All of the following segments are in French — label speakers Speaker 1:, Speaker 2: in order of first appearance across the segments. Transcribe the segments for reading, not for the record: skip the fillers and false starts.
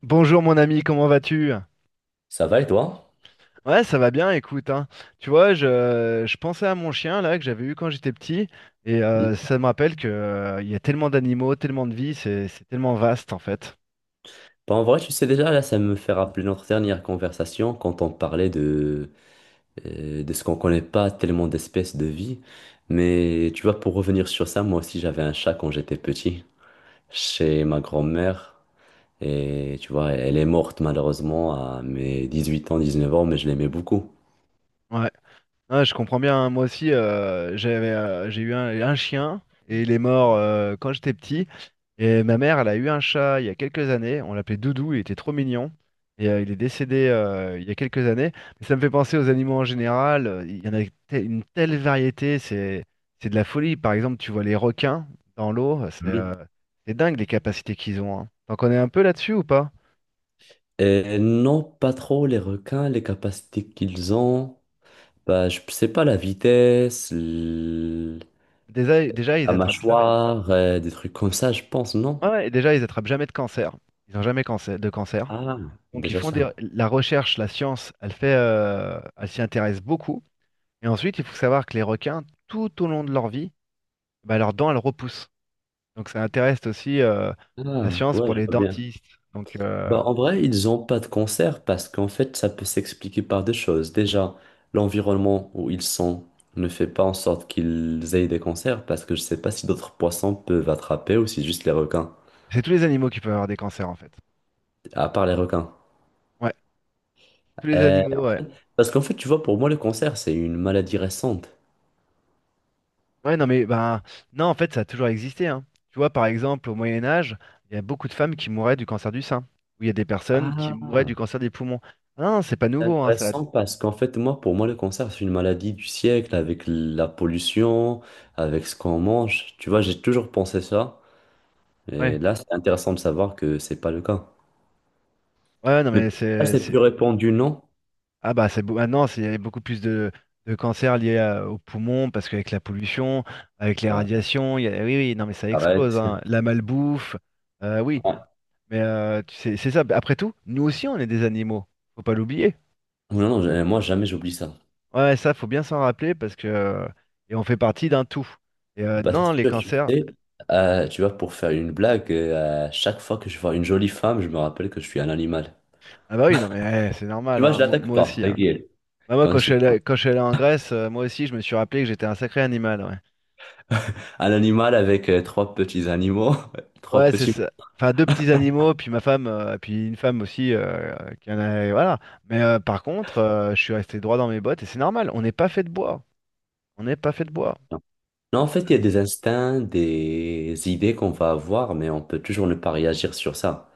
Speaker 1: Bonjour mon ami, comment vas-tu?
Speaker 2: Ça va et toi?
Speaker 1: Ouais, ça va bien, écoute, hein. Tu vois, je pensais à mon chien là que j'avais eu quand j'étais petit et
Speaker 2: Mm.
Speaker 1: ça me rappelle que il y a tellement d'animaux, tellement de vie, c'est tellement vaste en fait.
Speaker 2: Bah, en vrai, tu sais déjà, là, ça me fait rappeler notre dernière conversation quand on parlait de ce qu'on connaît pas tellement d'espèces de vie. Mais tu vois, pour revenir sur ça, moi aussi, j'avais un chat quand j'étais petit, chez ma grand-mère. Et tu vois, elle est morte malheureusement à mes 18 ans, 19 ans, mais je l'aimais beaucoup.
Speaker 1: Ouais. Ah, je comprends bien, hein. Moi aussi, j'avais, j'ai eu un chien et il est mort quand j'étais petit. Et ma mère, elle a eu un chat il y a quelques années. On l'appelait Doudou, il était trop mignon. Et il est décédé il y a quelques années. Mais ça me fait penser aux animaux en général. Il y en a une telle variété, c'est de la folie. Par exemple, tu vois les requins dans l'eau,
Speaker 2: Mhm.
Speaker 1: c'est dingue les capacités qu'ils ont, hein. T'en connais un peu là-dessus ou pas?
Speaker 2: Et non, pas trop les requins, les capacités qu'ils ont. Bah, je sais pas la vitesse.
Speaker 1: Déjà, ils
Speaker 2: La
Speaker 1: attrapent jamais.
Speaker 2: mâchoire, des trucs comme ça, je pense, non?
Speaker 1: Ouais, et déjà, ils attrapent jamais de cancer. Ils n'ont jamais cancer, de cancer.
Speaker 2: Ah,
Speaker 1: Donc ils
Speaker 2: déjà
Speaker 1: font
Speaker 2: ça.
Speaker 1: la recherche, la science, elle fait, elle s'y intéresse beaucoup. Et ensuite, il faut savoir que les requins, tout au long de leur vie, bah, leurs dents, elles repoussent. Donc ça intéresse aussi la
Speaker 2: Ah,
Speaker 1: science
Speaker 2: ouais,
Speaker 1: pour
Speaker 2: je
Speaker 1: les
Speaker 2: vois bien.
Speaker 1: dentistes. Donc
Speaker 2: Bah, en vrai, ils n'ont pas de concert parce qu'en fait, ça peut s'expliquer par deux choses. Déjà, l'environnement où ils sont ne fait pas en sorte qu'ils aient des concerts parce que je sais pas si d'autres poissons peuvent attraper ou si juste les requins.
Speaker 1: c'est tous les animaux qui peuvent avoir des cancers en fait.
Speaker 2: À part les requins.
Speaker 1: Ouais, tous les
Speaker 2: Euh,
Speaker 1: animaux. Ouais.
Speaker 2: parce qu'en fait, tu vois, pour moi, le cancer, c'est une maladie récente.
Speaker 1: Ouais, non mais ben non, en fait, ça a toujours existé, hein. Tu vois, par exemple, au Moyen Âge, il y a beaucoup de femmes qui mouraient du cancer du sein. Ou il y a des personnes qui mouraient
Speaker 2: Ah.
Speaker 1: du cancer des poumons. Ah non, c'est pas
Speaker 2: C'est
Speaker 1: nouveau, hein, ça.
Speaker 2: intéressant parce qu'en fait, moi, pour moi, le cancer, c'est une maladie du siècle avec la pollution, avec ce qu'on mange. Tu vois, j'ai toujours pensé ça. Et
Speaker 1: Ouais.
Speaker 2: là, c'est intéressant de savoir que c'est pas le cas.
Speaker 1: Ouais, non mais
Speaker 2: Ah, c'est
Speaker 1: c'est-
Speaker 2: plus répandu, non?
Speaker 1: Ah bah maintenant il y a beaucoup plus de cancers liés aux poumons parce qu'avec la pollution, avec les
Speaker 2: Ouais,
Speaker 1: radiations, oui oui non mais ça explose
Speaker 2: arrête.
Speaker 1: hein. La malbouffe, oui
Speaker 2: Ouais.
Speaker 1: mais tu sais, c'est ça. Bah, après tout, nous aussi on est des animaux, faut pas l'oublier.
Speaker 2: Non, non, moi, jamais j'oublie ça.
Speaker 1: Ouais ouais, ça faut bien s'en rappeler parce que et on fait partie d'un tout. Et
Speaker 2: Bah, c'est
Speaker 1: non les
Speaker 2: sûr, tu
Speaker 1: cancers,
Speaker 2: sais, tu vois, pour faire une blague, à chaque fois que je vois une jolie femme, je me rappelle que je suis un animal.
Speaker 1: ah bah oui non mais eh, c'est
Speaker 2: Tu
Speaker 1: normal
Speaker 2: vois, je
Speaker 1: hein. Moi,
Speaker 2: l'attaque
Speaker 1: moi
Speaker 2: pas,
Speaker 1: aussi,
Speaker 2: ta
Speaker 1: hein.
Speaker 2: gueule.
Speaker 1: Bah, moi
Speaker 2: Quand je suis
Speaker 1: quand je suis allé en Grèce, moi aussi je me suis rappelé que j'étais un sacré animal, ouais.
Speaker 2: un animal avec trois petits animaux, trois
Speaker 1: Ouais, c'est
Speaker 2: petits.
Speaker 1: ça. Enfin, deux petits animaux, puis ma femme, puis une femme aussi, qui en a, voilà. Mais par contre, je suis resté droit dans mes bottes et c'est normal. On n'est pas fait de bois. On n'est pas fait de bois.
Speaker 2: Non,
Speaker 1: C'est
Speaker 2: en fait, il y a des instincts, des idées qu'on va avoir, mais on peut toujours ne pas réagir sur ça.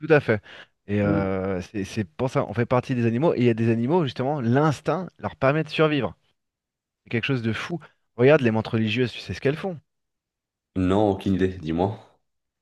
Speaker 1: Tout à fait. Et
Speaker 2: Mm.
Speaker 1: c'est pour ça, on fait partie des animaux. Et il y a des animaux, justement, l'instinct leur permet de survivre. C'est quelque chose de fou. Regarde les mantes religieuses, tu sais ce qu'elles font.
Speaker 2: Non, aucune idée, dis-moi.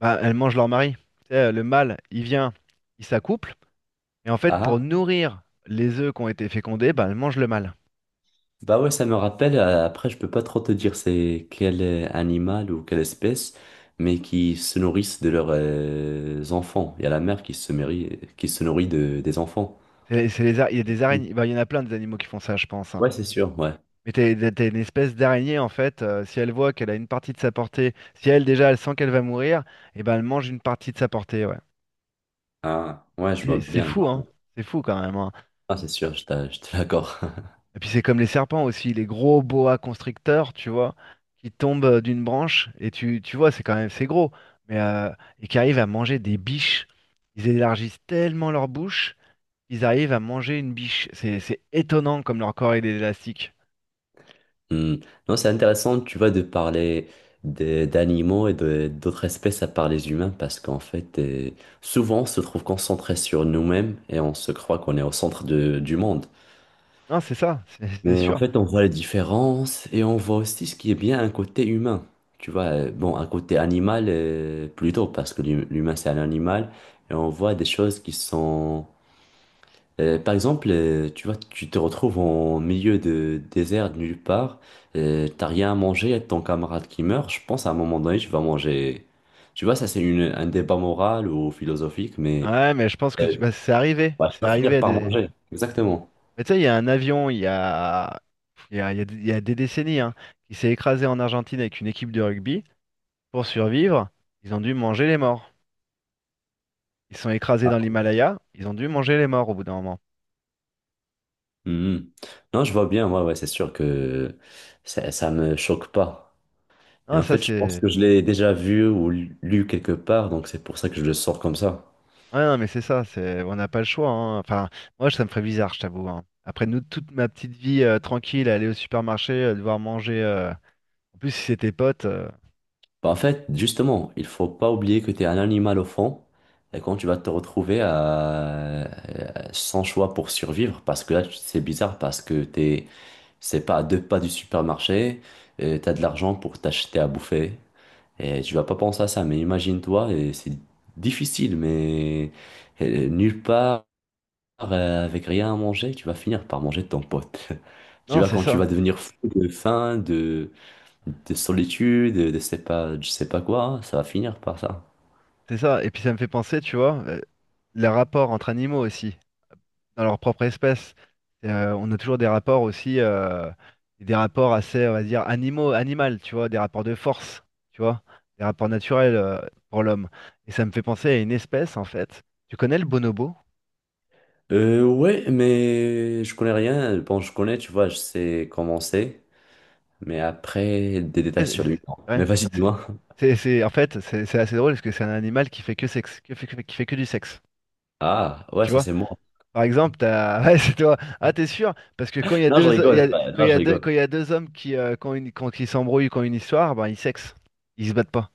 Speaker 1: Bah, elles mangent leur mari. Tu sais, le mâle, il vient, il s'accouple. Et en
Speaker 2: Ah,
Speaker 1: fait, pour
Speaker 2: ah.
Speaker 1: nourrir les œufs qui ont été fécondés, bah, elles mangent le mâle.
Speaker 2: Bah ouais, ça me rappelle, après, je peux pas trop te dire c'est quel animal ou quelle espèce, mais qui se nourrissent de leurs enfants. Il y a la mère qui se nourrit de, des enfants.
Speaker 1: Il y a des
Speaker 2: Mm.
Speaker 1: araignées, bah, il y en a plein des animaux qui font ça, je pense, hein.
Speaker 2: Ouais, c'est sûr, ouais.
Speaker 1: Mais t'as une espèce d'araignée, en fait, si elle voit qu'elle a une partie de sa portée, si elle déjà elle sent qu'elle va mourir, et ben elle mange une partie de sa portée, ouais.
Speaker 2: Ah, ouais, je vois
Speaker 1: C'est
Speaker 2: bien.
Speaker 1: fou,
Speaker 2: Non, mais...
Speaker 1: hein. C'est fou quand même, hein.
Speaker 2: ah, c'est sûr, je, je te l'accorde.
Speaker 1: Et puis c'est comme les serpents aussi, les gros boa constricteurs, tu vois, qui tombent d'une branche, et tu vois, c'est quand même c'est gros, mais et qui arrivent à manger des biches. Ils élargissent tellement leur bouche, ils arrivent à manger une biche. C'est étonnant comme leur corps il est élastique.
Speaker 2: Hmm. Non, c'est intéressant, tu vois, de parler d'animaux et de- d'autres espèces à part les humains, parce qu'en fait, souvent, on se trouve concentré sur nous-mêmes et on se croit qu'on est au centre du monde.
Speaker 1: Non, c'est ça, c'est c'est
Speaker 2: Mais en
Speaker 1: sûr.
Speaker 2: fait, on voit les différences et on voit aussi ce qui est bien un côté humain. Tu vois, bon, un côté animal, plutôt, parce que l'humain, c'est un animal, et on voit des choses qui sont par exemple, tu vois, tu te retrouves en milieu de désert, de nulle part, t'as rien à manger, et ton camarade qui meurt, je pense à un moment donné, tu vas manger. Tu vois, ça c'est un débat moral ou philosophique, mais
Speaker 1: Ouais, mais je pense que bah, c'est arrivé.
Speaker 2: tu
Speaker 1: C'est
Speaker 2: vas
Speaker 1: arrivé
Speaker 2: finir
Speaker 1: à
Speaker 2: par
Speaker 1: des.
Speaker 2: manger. Exactement.
Speaker 1: Mais tu sais, il y a un avion, il y a des décennies, hein, qui s'est écrasé en Argentine avec une équipe de rugby. Pour survivre, ils ont dû manger les morts. Ils sont écrasés dans l'Himalaya, ils ont dû manger les morts au bout d'un moment.
Speaker 2: Mhm. Non, je vois bien, ouais, ouais, c'est sûr que ça me choque pas. Et
Speaker 1: Ah,
Speaker 2: en
Speaker 1: ça,
Speaker 2: fait, je pense
Speaker 1: c'est.
Speaker 2: que je l'ai déjà vu ou lu quelque part, donc c'est pour ça que je le sors comme ça.
Speaker 1: Ouais, non, mais c'est ça, c'est on n'a pas le choix, hein. Enfin, moi, ça me ferait bizarre, je t'avoue, hein. Après, nous, toute ma petite vie tranquille, aller au supermarché, devoir manger, en plus, si c'était potes,
Speaker 2: Bah, en fait, justement, il faut pas oublier que tu es un animal au fond, et quand tu vas te retrouver sans choix pour survivre, parce que là, c'est bizarre, parce que t'es, c'est pas à deux pas du supermarché, tu as de l'argent pour t'acheter à bouffer, et tu vas pas penser à ça, mais imagine-toi, et c'est difficile, mais nulle part, avec rien à manger, tu vas finir par manger ton pote. Tu
Speaker 1: non,
Speaker 2: vois,
Speaker 1: c'est
Speaker 2: quand tu vas
Speaker 1: ça.
Speaker 2: devenir fou de faim, de solitude, de sais pas, je sais pas quoi, ça va finir par ça.
Speaker 1: C'est ça. Et puis ça me fait penser, tu vois, les rapports entre animaux aussi, dans leur propre espèce. On a toujours des rapports aussi, des rapports assez, on va dire, animaux, animal, tu vois, des rapports de force, tu vois, des rapports naturels, pour l'homme. Et ça me fait penser à une espèce, en fait. Tu connais le bonobo?
Speaker 2: Ouais, mais je connais rien. Bon, je connais, tu vois, je sais comment c'est, mais après, des
Speaker 1: Ouais,
Speaker 2: détails
Speaker 1: c'est,
Speaker 2: sur lui. Non. Mais
Speaker 1: ouais,
Speaker 2: vas-y,
Speaker 1: c'est-
Speaker 2: dis-moi.
Speaker 1: en fait, c'est assez drôle parce que c'est un animal qui fait que du sexe,
Speaker 2: Ah, ouais,
Speaker 1: tu
Speaker 2: ça
Speaker 1: vois.
Speaker 2: c'est moi.
Speaker 1: Par exemple, t'as ouais, c'est toi. Ah, t'es sûr? Parce que quand il y a
Speaker 2: Non, je
Speaker 1: deux, il y a-
Speaker 2: rigole.
Speaker 1: quand
Speaker 2: Non,
Speaker 1: il y
Speaker 2: je
Speaker 1: a deux, quand
Speaker 2: rigole.
Speaker 1: il y a deux hommes qui ont qui s'embrouillent, qui ont une histoire, ben, ils sexent. Ils se battent pas.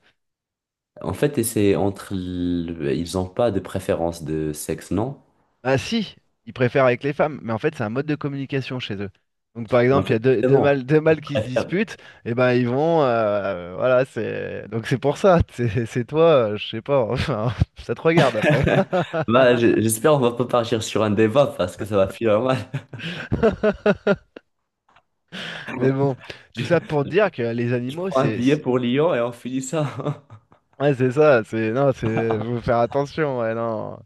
Speaker 2: En fait, c'est entre. Ils ont pas de préférence de sexe, non?
Speaker 1: Ah si, ils préfèrent avec les femmes. Mais en fait, c'est un mode de communication chez eux. Donc par
Speaker 2: Mais en
Speaker 1: exemple, il y a
Speaker 2: fait, justement,
Speaker 1: deux
Speaker 2: ils
Speaker 1: mâles qui se
Speaker 2: préfèrent.
Speaker 1: disputent, et ben ils vont, voilà, c'est pour ça. C'est toi, je sais pas. Enfin, ça te regarde après.
Speaker 2: Bah, j'espère on va pas partir sur un débat parce que ça va finir mal.
Speaker 1: Mais bon, tout ça pour dire que les
Speaker 2: Je
Speaker 1: animaux,
Speaker 2: prends un
Speaker 1: c'est
Speaker 2: billet pour Lyon et on finit ça.
Speaker 1: ouais, c'est ça, c'est non, c'est faut faire attention, ouais, non.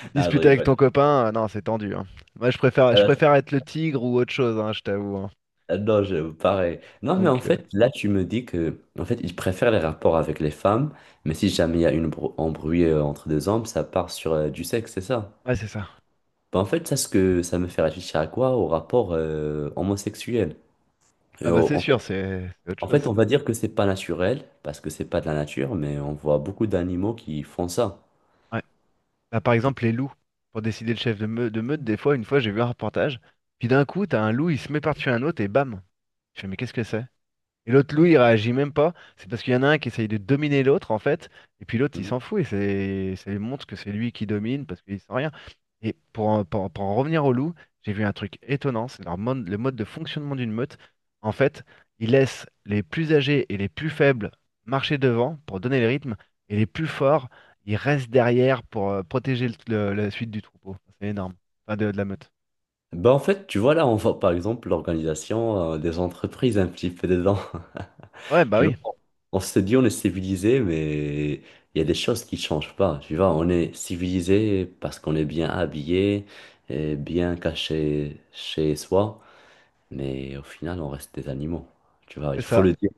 Speaker 1: Tu te
Speaker 2: Non, je
Speaker 1: disputes avec ton
Speaker 2: rigole.
Speaker 1: copain, non, c'est tendu, hein. Moi, je
Speaker 2: Voilà, c'est-
Speaker 1: préfère être le tigre ou autre chose, hein, je t'avoue, hein.
Speaker 2: ah non, je, pareil. Non, mais en
Speaker 1: Donc
Speaker 2: fait, là, tu me dis que, en fait, ils préfèrent les rapports avec les femmes, mais si jamais il y a une embrouille entre deux hommes, ça part sur du sexe, c'est ça?
Speaker 1: ouais, c'est ça.
Speaker 2: Bah, en fait, ça, ce que ça me fait réfléchir à quoi? Au rapport homosexuel. Et
Speaker 1: Ah bah c'est
Speaker 2: en fait,
Speaker 1: sûr, c'est autre chose
Speaker 2: on
Speaker 1: ça.
Speaker 2: va dire que c'est pas naturel, parce que c'est pas de la nature, mais on voit beaucoup d'animaux qui font ça.
Speaker 1: Ouais. Bah, par exemple les loups pour décider le chef de, de meute, une fois, j'ai vu un reportage, puis d'un coup, t'as un loup, il se met par-dessus un autre et bam. Je fais mais qu'est-ce que c'est? Et l'autre loup, il réagit même pas. C'est parce qu'il y en a un qui essaye de dominer l'autre, en fait. Et puis l'autre, il
Speaker 2: Mhm.
Speaker 1: s'en fout. Et c'est ça lui montre que c'est lui qui domine parce qu'il sent rien. Et pour en revenir au loup, j'ai vu un truc étonnant. C'est leur le mode de fonctionnement d'une meute. En fait, ils laissent les plus âgés et les plus faibles marcher devant pour donner le rythme. Et les plus forts, ils restent derrière pour protéger la suite du troupeau. C'est énorme. Enfin, de la meute.
Speaker 2: Bah, en fait, tu vois, là, on voit par exemple l'organisation des entreprises un petit peu dedans.
Speaker 1: Ouais, bah
Speaker 2: Tu
Speaker 1: oui,
Speaker 2: vois, on se dit on est civilisé, mais il y a des choses qui changent pas. Tu vois, on est civilisé parce qu'on est bien habillé et bien caché chez soi, mais au final, on reste des animaux. Tu vois,
Speaker 1: c'est
Speaker 2: il faut
Speaker 1: ça.
Speaker 2: le dire.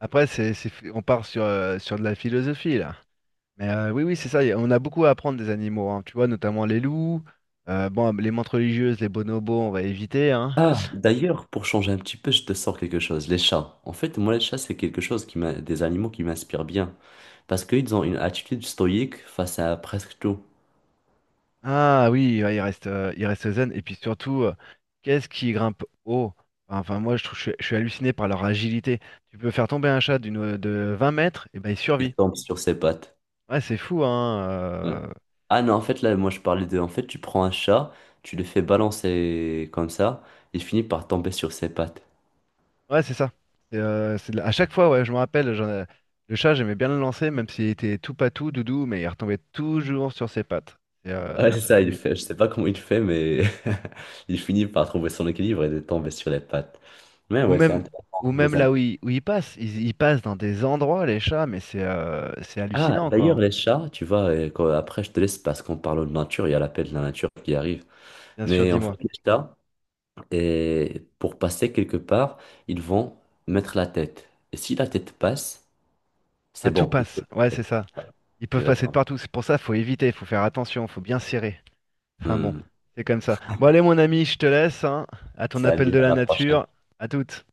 Speaker 1: Après, on part sur, sur de la philosophie, là. Mais oui, oui, c'est ça. On a beaucoup à apprendre des animaux, hein, tu vois, notamment les loups. Bon, les mantes religieuses, les bonobos, on va éviter, hein.
Speaker 2: Ah, d'ailleurs, pour changer un petit peu, je te sors quelque chose. Les chats. En fait, moi, les chats, c'est quelque chose des animaux qui m'inspirent bien. Parce qu'ils ont une attitude stoïque face à presque tout.
Speaker 1: Ah oui, ouais, il reste zen. Et puis surtout, qu'est-ce qui grimpe haut? Enfin, moi, je trouve, je suis halluciné par leur agilité. Tu peux faire tomber un chat de 20 mètres, et ben il
Speaker 2: Ils
Speaker 1: survit.
Speaker 2: tombent sur ses pattes.
Speaker 1: Ouais, c'est fou, hein.
Speaker 2: Ouais. Ah non, en fait, là, moi, je parlais de... En fait, tu prends un chat, tu le fais balancer comme ça, il finit par tomber sur ses pattes.
Speaker 1: Ouais, c'est ça. À chaque fois, ouais, je me rappelle, j'en ai- le chat, j'aimais bien le lancer, même s'il était tout patou, doudou, mais il retombait toujours sur ses pattes.
Speaker 2: Ouais,
Speaker 1: C'est
Speaker 2: c'est
Speaker 1: de la
Speaker 2: ça, il
Speaker 1: folie.
Speaker 2: fait... Je sais pas comment il fait, mais il finit par trouver son équilibre et de tomber sur les pattes. Mais
Speaker 1: Ou
Speaker 2: ouais, c'est
Speaker 1: même, ou
Speaker 2: intéressant,
Speaker 1: même
Speaker 2: les
Speaker 1: là où
Speaker 2: animaux.
Speaker 1: où ils passent. Ils passent dans des endroits, les chats, mais c'est
Speaker 2: Ah,
Speaker 1: hallucinant, quoi,
Speaker 2: d'ailleurs,
Speaker 1: hein.
Speaker 2: les chats, tu vois, quand- après, je te laisse parce qu'on parle de nature, il y a l'appel de la nature qui arrive.
Speaker 1: Bien sûr,
Speaker 2: Mais en fait,
Speaker 1: dis-moi.
Speaker 2: les chats, et pour passer quelque part, ils vont mettre la tête. Et si la tête passe,
Speaker 1: À
Speaker 2: c'est
Speaker 1: tout
Speaker 2: bon. Ils
Speaker 1: passe.
Speaker 2: peuvent
Speaker 1: Ouais, c'est
Speaker 2: passer.
Speaker 1: ça.
Speaker 2: Ouais,
Speaker 1: Ils peuvent passer de
Speaker 2: exactement.
Speaker 1: partout. C'est pour ça, faut éviter, faut faire attention, faut bien serrer. Enfin bon,
Speaker 2: Hmm.
Speaker 1: c'est comme ça. Bon, allez, mon ami, je te laisse, hein, à ton appel
Speaker 2: Salut,
Speaker 1: de
Speaker 2: à
Speaker 1: la
Speaker 2: la prochaine.
Speaker 1: nature. À toutes.